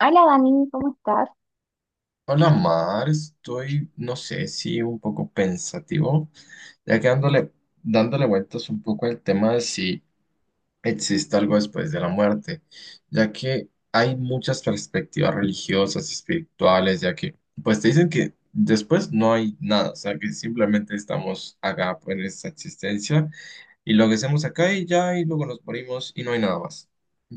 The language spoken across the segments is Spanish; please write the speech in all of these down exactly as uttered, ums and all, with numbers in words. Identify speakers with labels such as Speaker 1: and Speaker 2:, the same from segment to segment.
Speaker 1: Hola Dani, ¿cómo estás?
Speaker 2: Hola Mar, estoy, no sé si un poco pensativo, ya que dándole, dándole vueltas un poco al tema de si existe algo después de la muerte, ya que hay muchas perspectivas religiosas y espirituales, ya que pues te dicen que después no hay nada, o sea que simplemente estamos acá en esta existencia y lo que hacemos acá y ya y luego nos morimos y no hay nada más.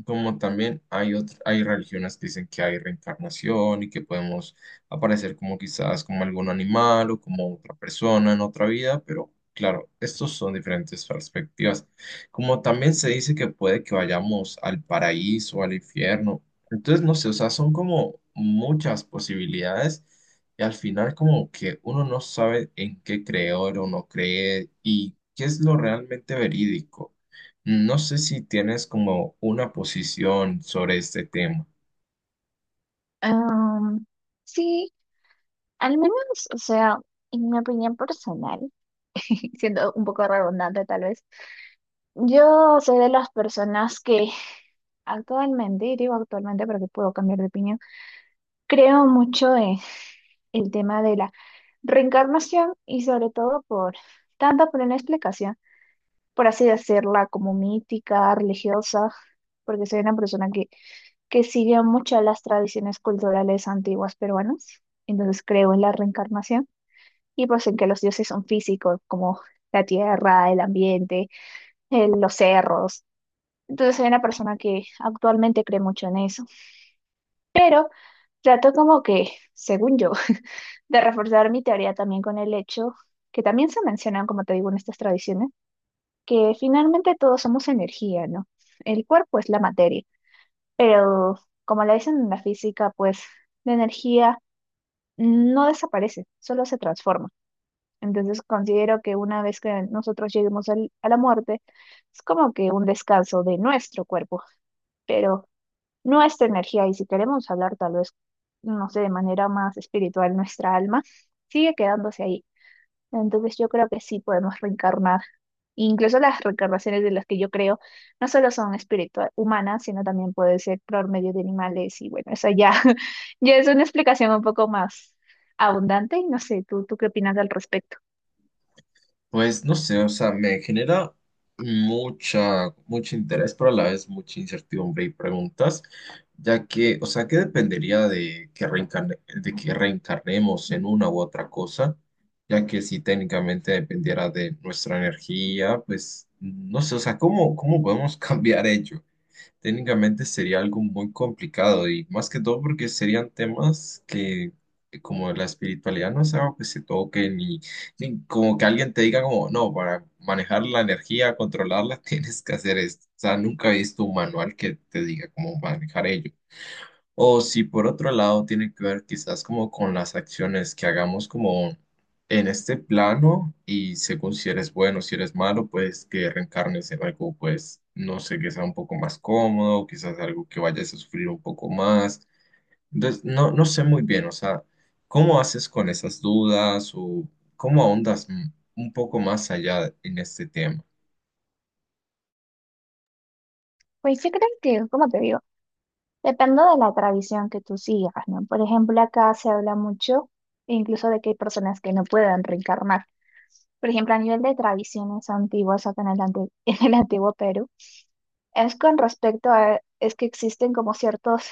Speaker 2: Como también hay otr- hay religiones que dicen que hay reencarnación y que podemos aparecer como quizás como algún animal o como otra persona en otra vida, pero claro, estos son diferentes perspectivas. Como también se dice que puede que vayamos al paraíso o al infierno. Entonces, no sé, o sea, son como muchas posibilidades y al final como que uno no sabe en qué creer o no creer y qué es lo realmente verídico. No sé si tienes como una posición sobre este tema.
Speaker 1: Am, sí, al menos, o sea, en mi opinión personal, siendo un poco redundante tal vez, yo soy de las personas que actualmente, y digo actualmente porque puedo cambiar de opinión, creo mucho en el tema de la reencarnación y sobre todo por, tanto por una explicación, por así decirla, como mítica, religiosa, porque soy una persona que que sigue muchas las tradiciones culturales antiguas peruanas. Entonces creo en la reencarnación y pues en que los dioses son físicos, como la tierra, el ambiente, eh, los cerros. Entonces soy una persona que actualmente cree mucho en eso. Pero trato como que, según yo, de reforzar mi teoría también con el hecho que también se mencionan, como te digo, en estas tradiciones, que finalmente todos somos energía, ¿no? El cuerpo es la materia, pero como le dicen en la física, pues la energía no desaparece, solo se transforma. Entonces considero que una vez que nosotros lleguemos al- a la muerte, es como que un descanso de nuestro cuerpo, pero nuestra energía, y si queremos hablar tal vez, no sé, de manera más espiritual, nuestra alma sigue quedándose ahí. Entonces yo creo que sí podemos reencarnar. Incluso las reencarnaciones de las que yo creo no solo son espiritual humanas, sino también puede ser por medio de animales y bueno, eso ya, ya es una explicación un poco más abundante y no sé, ¿tú, tú qué opinas al respecto?
Speaker 2: Pues no sé, o sea, me genera mucha, mucho interés, pero a la vez mucha incertidumbre y preguntas, ya que, o sea, ¿qué dependería de que reencarne- de que reencarnemos en una u otra cosa? Ya que si técnicamente dependiera de nuestra energía, pues no sé, o sea, ¿cómo, cómo podemos cambiar ello? Técnicamente sería algo muy complicado y más que todo porque serían temas que eh, como la espiritualidad no es algo que se toque ni, ni como que alguien te diga como no, para manejar la energía, controlarla, tienes que hacer esto. O sea, nunca he visto un manual que te diga cómo manejar ello. O si por otro lado tiene que ver quizás como con las acciones que hagamos como en este plano y según si eres bueno, si eres malo, pues que reencarnes en algo, pues no sé, que sea un poco más cómodo, quizás algo que vayas a sufrir un poco más. Entonces, no, no sé muy bien, o sea, ¿cómo haces con esas dudas o cómo ahondas m- un poco más allá en este tema?
Speaker 1: Pues yo creo que, como te digo, depende de la tradición que tú sigas, ¿no? Por ejemplo, acá se habla mucho incluso de que hay personas que no pueden reencarnar. Por ejemplo, a nivel de tradiciones antiguas acá en el, ante- en el antiguo Perú. Es con respecto a, es que existen como ciertos,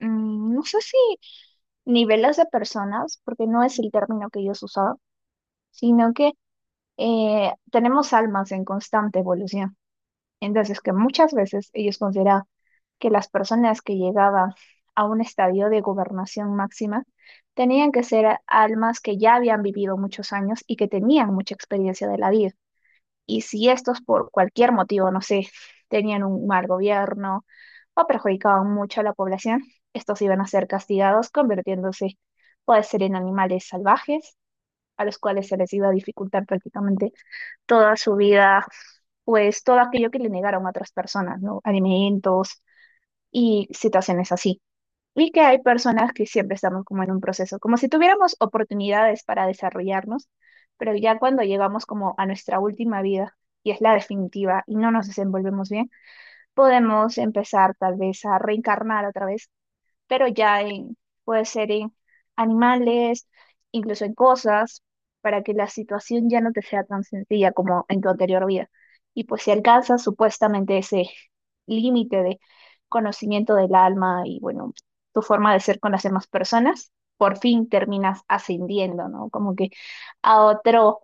Speaker 1: mm, no sé si niveles de personas, porque no es el término que ellos usaban, sino que eh, tenemos almas en constante evolución. Entonces, que muchas veces ellos consideraban que las personas que llegaban a un estadio de gobernación máxima tenían que ser almas que ya habían vivido muchos años y que tenían mucha experiencia de la vida. Y si estos por cualquier motivo, no sé, tenían un mal gobierno o perjudicaban mucho a la población, estos iban a ser castigados convirtiéndose, puede ser en animales salvajes, a los cuales se les iba a dificultar prácticamente toda su vida, pues todo aquello que le negaron a otras personas, ¿no? Alimentos y situaciones así. Y que hay personas que siempre estamos como en un proceso, como si tuviéramos oportunidades para desarrollarnos, pero ya cuando llegamos como a nuestra última vida, y es la definitiva, y no nos desenvolvemos bien, podemos empezar tal vez a reencarnar otra vez pero ya en, puede ser en animales, incluso en cosas, para que la situación ya no te sea tan sencilla como en tu anterior vida. Y pues si alcanzas supuestamente ese límite de conocimiento del alma y bueno, tu forma de ser con las demás personas, por fin terminas ascendiendo, ¿no? Como que a otro,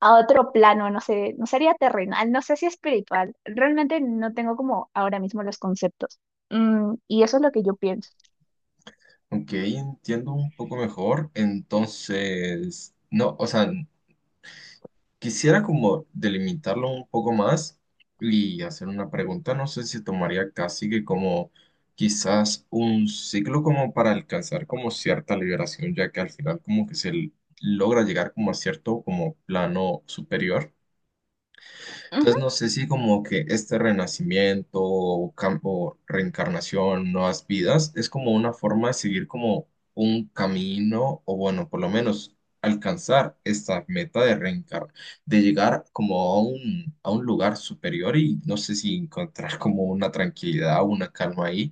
Speaker 1: a otro plano, no sé, no sería terrenal, no sé si espiritual. Realmente no tengo como ahora mismo los conceptos. Mm, y eso es lo que yo pienso.
Speaker 2: Ok, entiendo un poco mejor. Entonces, no, o sea, quisiera como delimitarlo un poco más y hacer una pregunta. No sé si tomaría casi que como quizás un ciclo como para alcanzar como cierta liberación, ya que al final como que se l- logra llegar como a cierto como plano superior. Entonces no sé si como que este renacimiento o, cam- o reencarnación, nuevas vidas, es como una forma de seguir como un camino o bueno, por lo menos alcanzar esta meta de reencarnar, de llegar como a un, a un lugar superior y no sé si encontrar como una tranquilidad o una calma ahí.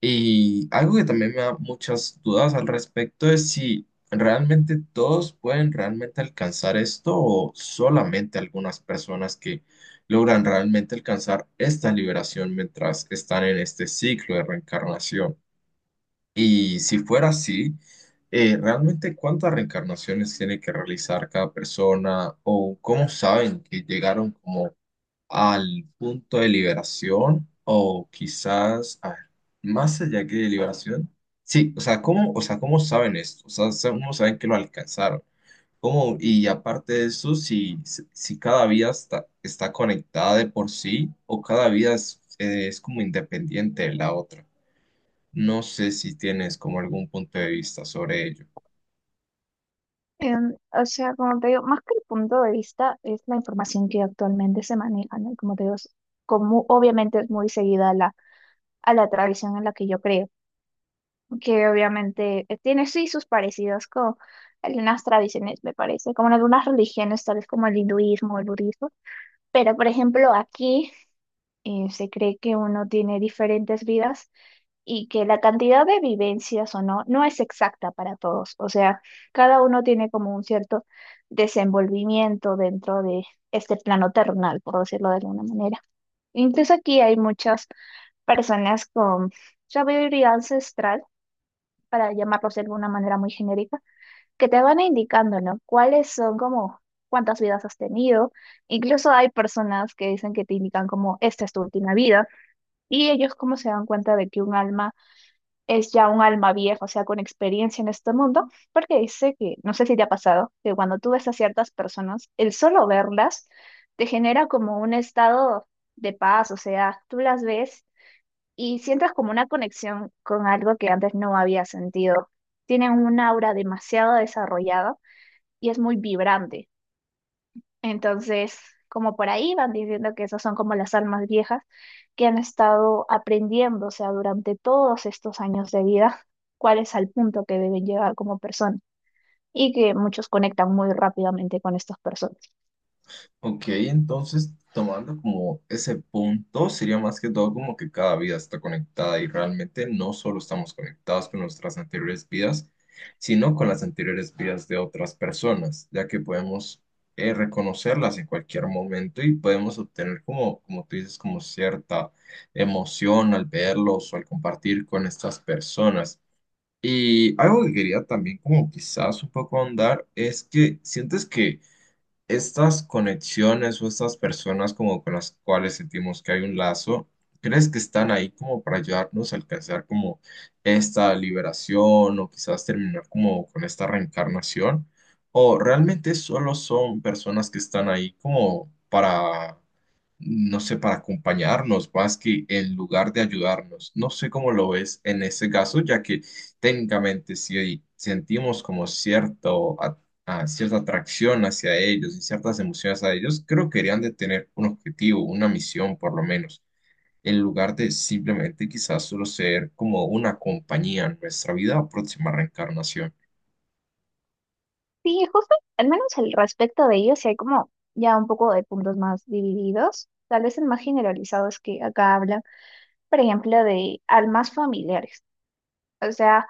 Speaker 2: Y algo que también me da muchas dudas al respecto es si realmente todos pueden realmente alcanzar esto o solamente algunas personas que logran realmente alcanzar esta liberación mientras están en este ciclo de reencarnación. Y si fuera así, eh, ¿realmente cuántas reencarnaciones tiene que realizar cada persona o cómo saben que llegaron como al punto de liberación o quizás, a ver, más allá que de liberación? Sí, o sea, ¿cómo, o sea, ¿cómo saben esto? O sea, sa- cómo saben que lo alcanzaron? ¿Cómo? Y aparte de eso, si, si si cada vida está, está conectada de por sí o cada vida es, eh, es como independiente de la otra. No sé si tienes como algún punto de vista sobre ello.
Speaker 1: Em, o sea, como te digo, más que el punto de vista es la información que actualmente se maneja, ¿no? Como te digo, es como obviamente es muy seguida a la, a la tradición en la que yo creo, que obviamente eh, tiene sí sus parecidos con algunas tradiciones, me parece, como en algunas religiones, tales como el hinduismo, o el budismo, pero por ejemplo aquí eh, se cree que uno tiene diferentes vidas y que la cantidad de vivencias o no no es exacta para todos. O sea, cada uno tiene como un cierto desenvolvimiento dentro de este plano terrenal, por decirlo de alguna manera. Incluso aquí hay muchas personas con sabiduría ancestral, para llamarlos de alguna manera muy genérica, que te van indicando, ¿no? ¿Cuáles son como cuántas vidas has tenido? Incluso hay personas que dicen que te indican como esta es tu última vida. Y ellos como se dan cuenta de que un alma es ya un alma vieja, o sea, con experiencia en este mundo, porque dice que, no sé si te ha pasado, que cuando tú ves a ciertas personas, el solo verlas te genera como un estado de paz, o sea, tú las ves y sientes como una conexión con algo que antes no había sentido. Tienen un aura demasiado desarrollada y es muy vibrante. Entonces, como por ahí van diciendo que esas son como las almas viejas que han estado aprendiendo, o sea, durante todos estos años de vida, cuál es el punto que deben llegar como persona y que muchos conectan muy rápidamente con estas personas.
Speaker 2: Ok, entonces tomando como ese punto, sería más que todo como que cada vida está conectada y realmente no solo estamos conectados con nuestras anteriores vidas, sino con las anteriores vidas de otras personas, ya que podemos eh, reconocerlas en cualquier momento y podemos obtener como, como tú dices, como cierta emoción al verlos o al compartir con estas personas. Y algo que quería también como quizás un poco ahondar es que sientes que estas conexiones o estas personas como con las cuales sentimos que hay un lazo, ¿crees que están ahí como para ayudarnos a alcanzar como esta liberación o quizás terminar como con esta reencarnación? ¿O realmente solo son personas que están ahí como para, no sé, para acompañarnos más que en lugar de ayudarnos? No sé cómo lo ves en ese caso, ya que técnicamente si sentimos como cierto a cierta atracción hacia ellos y ciertas emociones a ellos, creo que deberían de tener un objetivo, una misión por lo menos, en lugar de simplemente quizás solo ser como una compañía en nuestra vida o próxima reencarnación.
Speaker 1: Sí, justo, al menos al respecto de ellos, sí hay como ya un poco de puntos más divididos. Tal vez el más generalizado es que acá hablan, por ejemplo, de almas familiares. O sea,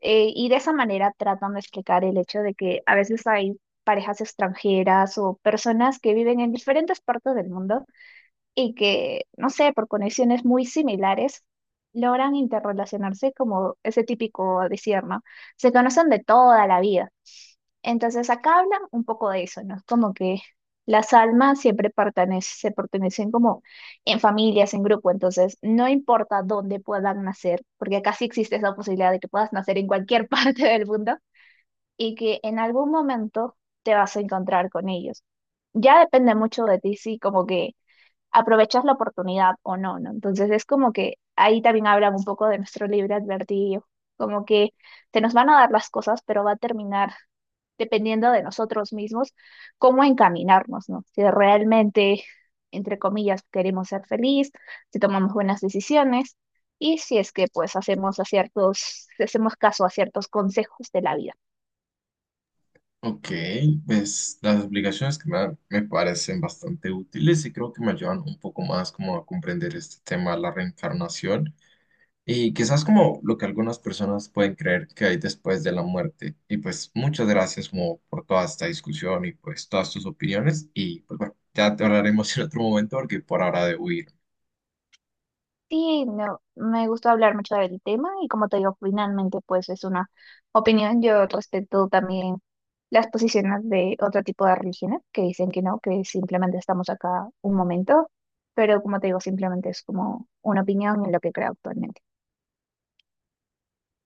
Speaker 1: eh, y de esa manera tratan de explicar el hecho de que a veces hay parejas extranjeras o personas que viven en diferentes partes del mundo y que, no sé, por conexiones muy similares, logran interrelacionarse como ese típico decir, ¿no? Se conocen de toda la vida. Entonces acá habla un poco de eso, ¿no? Es como que las almas siempre pertenecen, se pertenecen como en familias, en grupo, entonces no importa dónde puedan nacer, porque acá sí existe esa posibilidad de que puedas nacer en cualquier parte del mundo y que en algún momento te vas a encontrar con ellos. Ya depende mucho de ti, sí, como que aprovechas la oportunidad o no, ¿no? Entonces es como que ahí también hablan un poco de nuestro libre advertido, como que se nos van a dar las cosas, pero va a terminar dependiendo de nosotros mismos cómo encaminarnos, ¿no? Si realmente, entre comillas, queremos ser feliz, si tomamos buenas decisiones y si es que pues hacemos a ciertos, hacemos caso a ciertos consejos de la vida.
Speaker 2: Ok, pues las explicaciones que me dan me parecen bastante útiles y creo que me ayudan un poco más como a comprender este tema de la reencarnación. Y quizás como lo que algunas personas pueden creer que hay después de la muerte. Y pues muchas gracias como por toda esta discusión y pues todas tus opiniones. Y pues bueno, ya te hablaremos en otro momento porque por ahora debo ir.
Speaker 1: Sí, me, me gustó hablar mucho del tema y como te digo, finalmente pues es una opinión. Yo respeto también las posiciones de otro tipo de religiones que dicen que no, que simplemente estamos acá un momento, pero como te digo, simplemente es como una opinión en lo que creo actualmente.